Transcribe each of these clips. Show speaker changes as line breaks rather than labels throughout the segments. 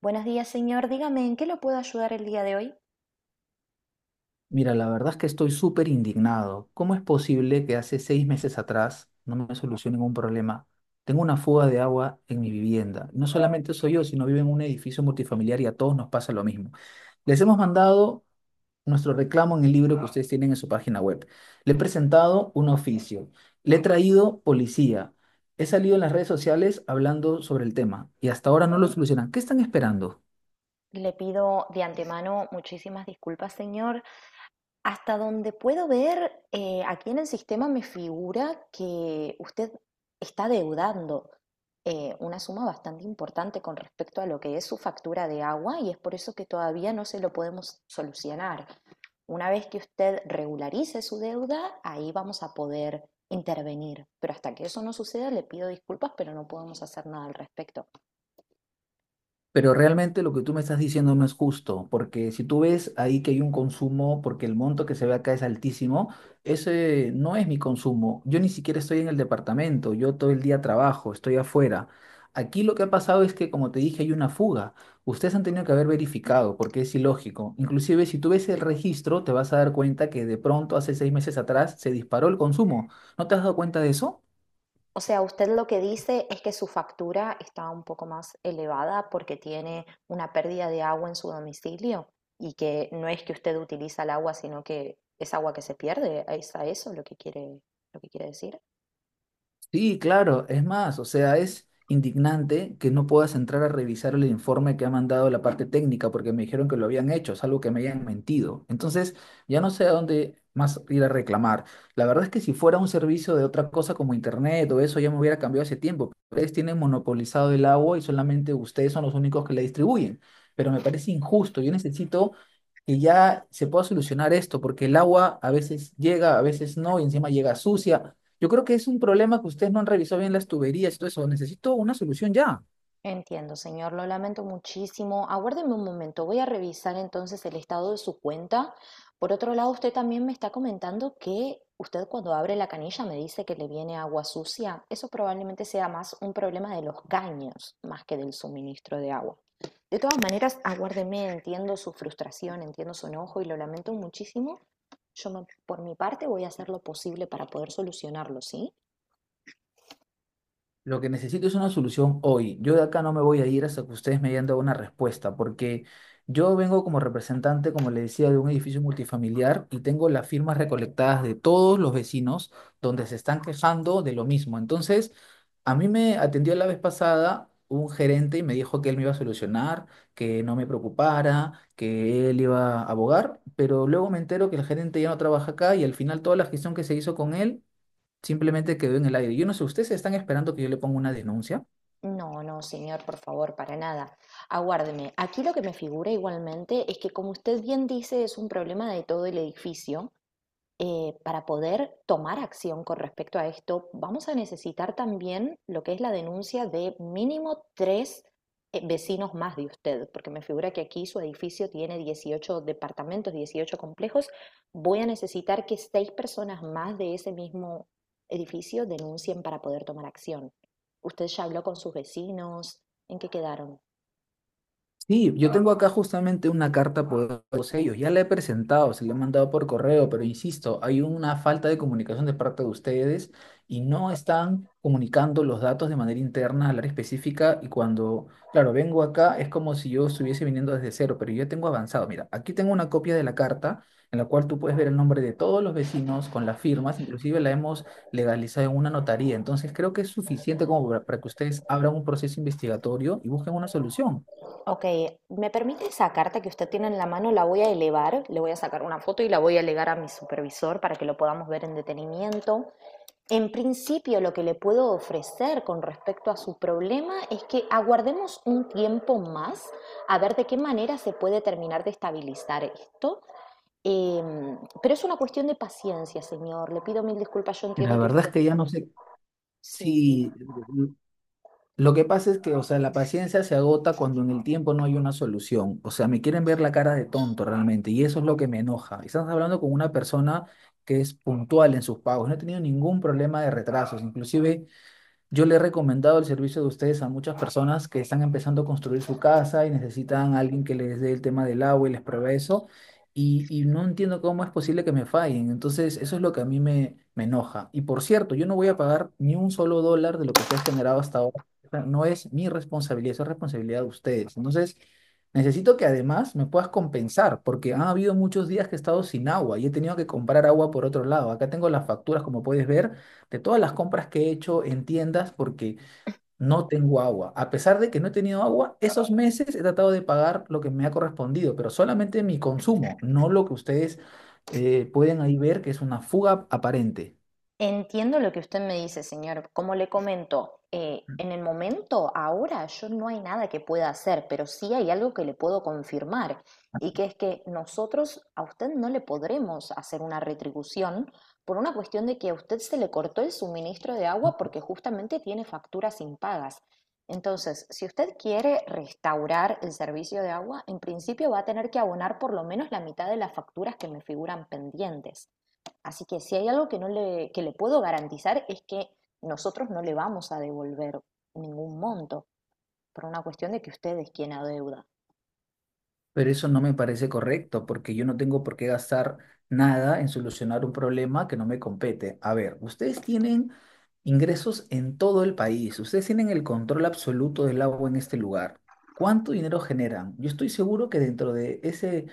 Buenos días, señor. Dígame, ¿en qué lo puedo ayudar el día de hoy?
Mira, la verdad es que estoy súper indignado. ¿Cómo es posible que hace seis meses atrás no me solucionen un problema? Tengo una fuga de agua en mi vivienda. No solamente soy yo, sino vivo en un edificio multifamiliar y a todos nos pasa lo mismo. Les hemos mandado nuestro reclamo en el libro que ustedes tienen en su página web. Le he presentado un oficio. Le he traído policía. He salido en las redes sociales hablando sobre el tema y hasta ahora no lo solucionan. ¿Qué están esperando?
Le pido de antemano muchísimas disculpas, señor. Hasta donde puedo ver, aquí en el sistema me figura que usted está deudando una suma bastante importante con respecto a lo que es su factura de agua y es por eso que todavía no se lo podemos solucionar. Una vez que usted regularice su deuda, ahí vamos a poder intervenir. Pero hasta que eso no suceda, le pido disculpas, pero no podemos hacer nada al respecto.
Pero realmente lo que tú me estás diciendo no es justo, porque si tú ves ahí que hay un consumo, porque el monto que se ve acá es altísimo, ese no es mi consumo. Yo ni siquiera estoy en el departamento, yo todo el día trabajo, estoy afuera. Aquí lo que ha pasado es que, como te dije, hay una fuga. Ustedes han tenido que haber verificado, porque es ilógico. Inclusive, si tú ves el registro, te vas a dar cuenta que de pronto, hace seis meses atrás, se disparó el consumo. ¿No te has dado cuenta de eso?
O sea, usted lo que dice es que su factura está un poco más elevada porque tiene una pérdida de agua en su domicilio y que no es que usted utiliza el agua, sino que es agua que se pierde. ¿Es a eso lo que quiere decir?
Sí, claro, es más, o sea, es indignante que no puedas entrar a revisar el informe que ha mandado la parte técnica porque me dijeron que lo habían hecho, es algo que me hayan mentido. Entonces, ya no sé a dónde más ir a reclamar. La verdad es que si fuera un servicio de otra cosa como internet o eso, ya me hubiera cambiado hace tiempo. Ustedes tienen monopolizado el agua y solamente ustedes son los únicos que la distribuyen. Pero me parece injusto, yo necesito que ya se pueda solucionar esto porque el agua a veces llega, a veces no, y encima llega sucia. Yo creo que es un problema que ustedes no han revisado bien las tuberías y todo eso. Necesito una solución ya.
Entiendo, señor, lo lamento muchísimo. Aguárdeme un momento, voy a revisar entonces el estado de su cuenta. Por otro lado, usted también me está comentando que usted cuando abre la canilla me dice que le viene agua sucia. Eso probablemente sea más un problema de los caños, más que del suministro de agua. De todas maneras, aguárdeme, entiendo su frustración, entiendo su enojo y lo lamento muchísimo. Yo, por mi parte, voy a hacer lo posible para poder solucionarlo, ¿sí?
Lo que necesito es una solución hoy. Yo de acá no me voy a ir hasta que ustedes me hayan dado una respuesta, porque yo vengo como representante, como le decía, de un edificio multifamiliar y tengo las firmas recolectadas de todos los vecinos donde se están quejando de lo mismo. Entonces, a mí me atendió la vez pasada un gerente y me dijo que él me iba a solucionar, que no me preocupara, que él iba a abogar, pero luego me entero que el gerente ya no trabaja acá y al final toda la gestión que se hizo con él simplemente quedó en el aire. Yo no sé, ¿ustedes están esperando que yo le ponga una denuncia?
No, no, señor, por favor, para nada. Aguárdeme. Aquí lo que me figura igualmente es que, como usted bien dice, es un problema de todo el edificio para poder tomar acción con respecto a esto, vamos a necesitar también lo que es la denuncia de mínimo tres vecinos más de usted, porque me figura que aquí su edificio tiene 18 departamentos, 18 complejos. Voy a necesitar que seis personas más de ese mismo edificio denuncien para poder tomar acción. ¿Usted ya habló con sus vecinos? ¿En qué quedaron?
Sí, yo tengo acá justamente una carta por todos ellos. Ya la he presentado, se la he mandado por correo, pero insisto, hay una falta de comunicación de parte de ustedes y no están comunicando los datos de manera interna al área específica. Y cuando, claro, vengo acá es como si yo estuviese viniendo desde cero, pero yo tengo avanzado. Mira, aquí tengo una copia de la carta en la cual tú puedes ver el nombre de todos los vecinos con las firmas, inclusive la hemos legalizado en una notaría. Entonces creo que es suficiente como para que ustedes abran un proceso investigatorio y busquen una solución.
Ok, ¿me permite esa carta que usted tiene en la mano? La voy a elevar, le voy a sacar una foto y la voy a elegar a mi supervisor para que lo podamos ver en detenimiento. En principio, lo que le puedo ofrecer con respecto a su problema es que aguardemos un tiempo más a ver de qué manera se puede terminar de estabilizar esto. Pero es una cuestión de paciencia, señor. Le pido mil disculpas, yo
La
entiendo que
verdad es
usted...
que ya no sé
Sí.
si... Lo que pasa es que, o sea, la paciencia se agota cuando en el tiempo no hay una solución. O sea, me quieren ver la cara de tonto realmente y eso es lo que me enoja. Estás hablando con una persona que es puntual en sus pagos. No he tenido ningún problema de retrasos. Inclusive yo le he recomendado el servicio de ustedes a muchas personas que están empezando a construir su casa y necesitan a alguien que les dé el tema del agua y les pruebe eso. Y no entiendo cómo es posible que me fallen. Entonces, eso es lo que a mí me enoja. Y por cierto, yo no voy a pagar ni un solo dólar de lo que se ha generado hasta ahora. O sea, no es mi responsabilidad, eso es responsabilidad de ustedes. Entonces, necesito que además me puedas compensar, porque han habido muchos días que he estado sin agua y he tenido que comprar agua por otro lado. Acá tengo las facturas, como puedes ver de todas las compras que he hecho en tiendas porque no tengo agua. A pesar de que no he tenido agua, esos meses he tratado de pagar lo que me ha correspondido, pero solamente mi consumo, no lo que ustedes pueden ahí ver que es una fuga aparente.
Entiendo lo que usted me dice, señor. Como le comento, en el momento, ahora, yo no hay nada que pueda hacer, pero sí hay algo que le puedo confirmar, y que es que nosotros a usted no le podremos hacer una retribución por una cuestión de que a usted se le cortó el suministro de agua porque justamente tiene facturas impagas. Entonces, si usted quiere restaurar el servicio de agua, en principio va a tener que abonar por lo menos la mitad de las facturas que me figuran pendientes. Así que si hay algo que no le, que le puedo garantizar es que nosotros no le vamos a devolver ningún monto por una cuestión de que usted es quien adeuda.
Pero eso no me parece correcto porque yo no tengo por qué gastar nada en solucionar un problema que no me compete. A ver, ustedes tienen ingresos en todo el país, ustedes tienen el control absoluto del agua en este lugar. ¿Cuánto dinero generan? Yo estoy seguro que dentro de ese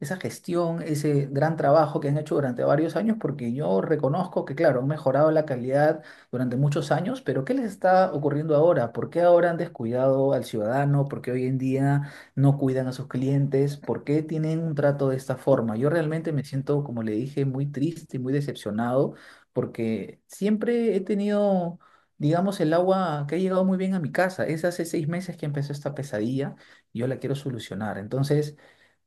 esa gestión, ese gran trabajo que han hecho durante varios años, porque yo reconozco que, claro, han mejorado la calidad durante muchos años, pero ¿qué les está ocurriendo ahora? ¿Por qué ahora han descuidado al ciudadano? ¿Por qué hoy en día no cuidan a sus clientes? ¿Por qué tienen un trato de esta forma? Yo realmente me siento, como le dije, muy triste y muy decepcionado, porque siempre he tenido... Digamos, el agua que ha llegado muy bien a mi casa. Es hace seis meses que empezó esta pesadilla y yo la quiero solucionar. Entonces,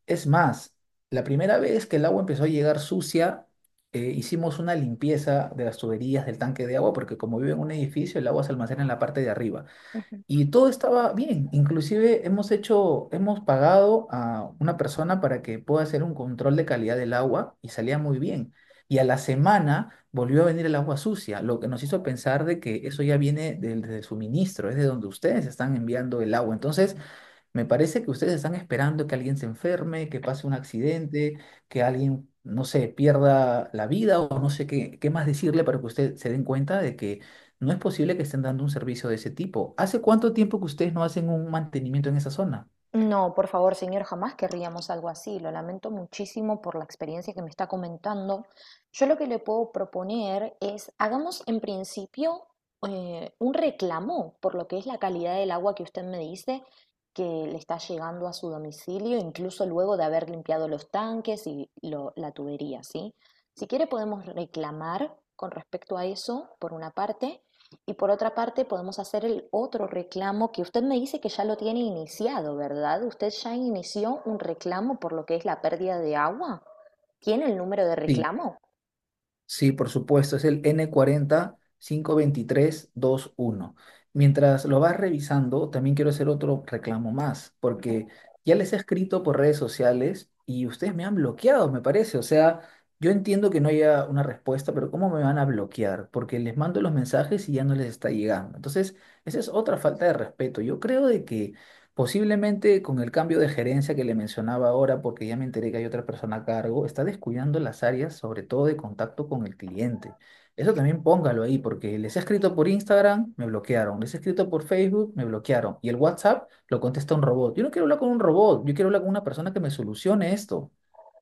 es más, la primera vez que el agua empezó a llegar sucia, hicimos una limpieza de las tuberías del tanque de agua, porque como vivo en un edificio, el agua se almacena en la parte de arriba. Y todo estaba bien. Inclusive hemos hecho, hemos pagado a una persona para que pueda hacer un control de calidad del agua y salía muy bien. Y a la semana volvió a venir el agua sucia, lo que nos hizo pensar de que eso ya viene del suministro, es de donde ustedes están enviando el agua. Entonces, me parece que ustedes están esperando que alguien se enferme, que pase un accidente, que alguien, no sé, pierda la vida o no sé qué, qué más decirle para que ustedes se den cuenta de que no es posible que estén dando un servicio de ese tipo. ¿Hace cuánto tiempo que ustedes no hacen un mantenimiento en esa zona?
No, por favor, señor, jamás querríamos algo así. Lo lamento muchísimo por la experiencia que me está comentando. Yo lo que le puedo proponer es, hagamos en principio un reclamo por lo que es la calidad del agua que usted me dice que le está llegando a su domicilio, incluso luego de haber limpiado los tanques y la tubería, ¿sí? Si quiere podemos reclamar con respecto a eso, por una parte, y por otra parte, podemos hacer el otro reclamo que usted me dice que ya lo tiene iniciado, ¿verdad? ¿Usted ya inició un reclamo por lo que es la pérdida de agua? ¿Tiene el número de
Sí.
reclamo?
Sí, por supuesto, es el N40-523-21. 45-23-23. Mientras lo vas revisando, también quiero hacer otro reclamo más, porque ya les he escrito por redes sociales y ustedes me han bloqueado, me parece. O sea, yo entiendo que no haya una respuesta, pero ¿cómo me van a bloquear? Porque les mando los mensajes y ya no les está llegando. Entonces, esa es otra falta de respeto. Yo creo de que posiblemente con el cambio de gerencia que le mencionaba ahora, porque ya me enteré que hay otra persona a cargo, está descuidando las áreas, sobre todo de contacto con el cliente. Eso también póngalo ahí, porque les he escrito por Instagram, me bloquearon. Les he escrito por Facebook, me bloquearon. Y el WhatsApp lo contesta un robot. Yo no quiero hablar con un robot, yo quiero hablar con una persona que me solucione esto.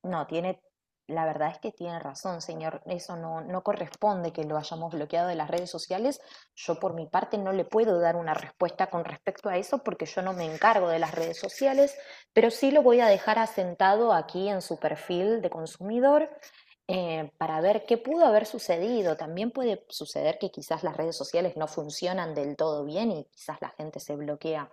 No, la verdad es que tiene razón, señor. Eso no, no corresponde que lo hayamos bloqueado de las redes sociales. Yo por mi parte no le puedo dar una respuesta con respecto a eso porque yo no me encargo de las redes sociales, pero sí lo voy a dejar asentado aquí en su perfil de consumidor para ver qué pudo haber sucedido. También puede suceder que quizás las redes sociales no funcionan del todo bien y quizás la gente se bloquea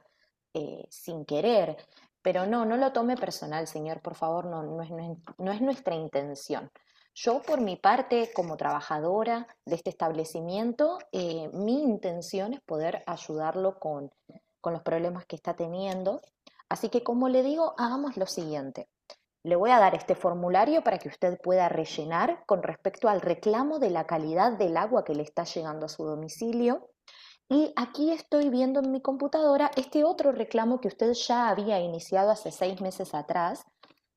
sin querer. Pero no, no lo tome personal, señor, por favor, no, no es nuestra intención. Yo, por mi parte, como trabajadora de este establecimiento, mi intención es poder ayudarlo con los problemas que está teniendo. Así que, como le digo, hagamos lo siguiente. Le voy a dar este formulario para que usted pueda rellenar con respecto al reclamo de la calidad del agua que le está llegando a su domicilio. Y aquí estoy viendo en mi computadora este otro reclamo que usted ya había iniciado hace 6 meses atrás.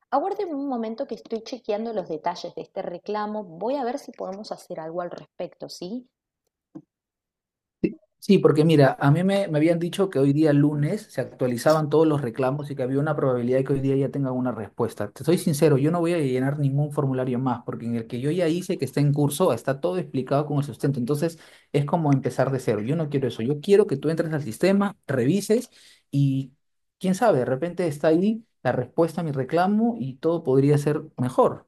Aguarden un momento que estoy chequeando los detalles de este reclamo. Voy a ver si podemos hacer algo al respecto, ¿sí?
Sí, sí, porque mira, a mí me habían dicho que hoy día lunes se actualizaban todos los reclamos y que había una probabilidad de que hoy día ya tengan una respuesta. Te soy sincero, yo no voy a llenar ningún formulario más, porque en el que yo ya hice que está en curso, está todo explicado con el sustento. Entonces, es como empezar de cero. Yo no quiero eso. Yo quiero que tú entres al sistema, revises y quién sabe, de repente está ahí la respuesta a mi reclamo y todo podría ser mejor.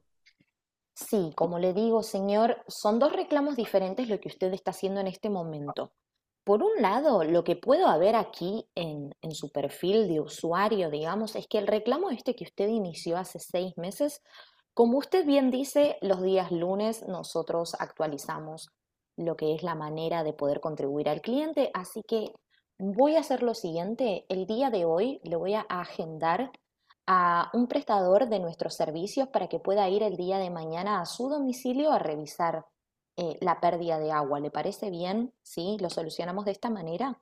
Sí, como le digo, señor, son dos reclamos diferentes lo que usted está haciendo en este momento. Por un lado, lo que puedo ver aquí en su perfil de usuario, digamos, es que el reclamo este que usted inició hace 6 meses, como usted bien dice, los días lunes nosotros actualizamos lo que es la manera de poder contribuir al cliente, así que voy a hacer lo siguiente, el día de hoy le voy a agendar a un prestador de nuestros servicios para que pueda ir el día de mañana a su domicilio a revisar la pérdida de agua. ¿Le parece bien? ¿Sí? ¿Lo solucionamos de esta manera?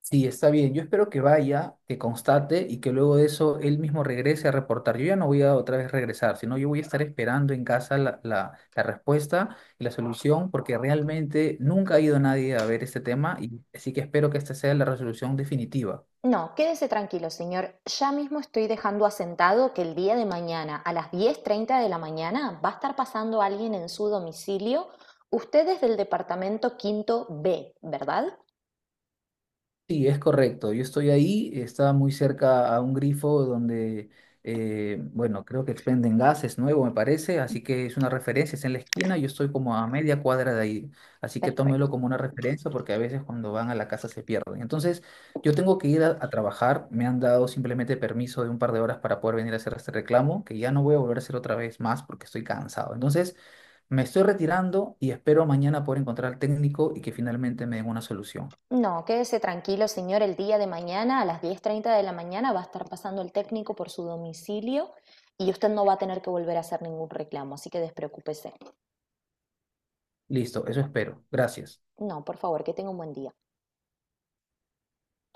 Sí, está bien. Yo espero que vaya, que constate y que luego de eso él mismo regrese a reportar. Yo ya no voy a otra vez regresar, sino yo voy a estar esperando en casa la respuesta y la solución, porque realmente nunca ha ido nadie a ver este tema y así que espero que esta sea la resolución definitiva.
No, quédese tranquilo, señor. Ya mismo estoy dejando asentado que el día de mañana, a las 10:30 de la mañana, va a estar pasando alguien en su domicilio. Usted es del departamento quinto B, ¿verdad?
Sí, es correcto. Yo estoy ahí, estaba muy cerca a un grifo donde, bueno, creo que expenden gases nuevo, me parece, así que es una referencia, es en la esquina, yo estoy como a media cuadra de ahí, así que tómelo
Perfecto.
como una referencia porque a veces cuando van a la casa se pierden. Entonces, yo tengo que ir a trabajar, me han dado simplemente permiso de un par de horas para poder venir a hacer este reclamo, que ya no voy a volver a hacer otra vez más porque estoy cansado. Entonces, me estoy retirando y espero mañana poder encontrar al técnico y que finalmente me den una solución.
No, quédese tranquilo, señor. El día de mañana, a las diez treinta de la mañana, va a estar pasando el técnico por su domicilio y usted no va a tener que volver a hacer ningún reclamo, así que despreocúpese.
Listo, eso espero. Gracias.
No, por favor, que tenga un buen día.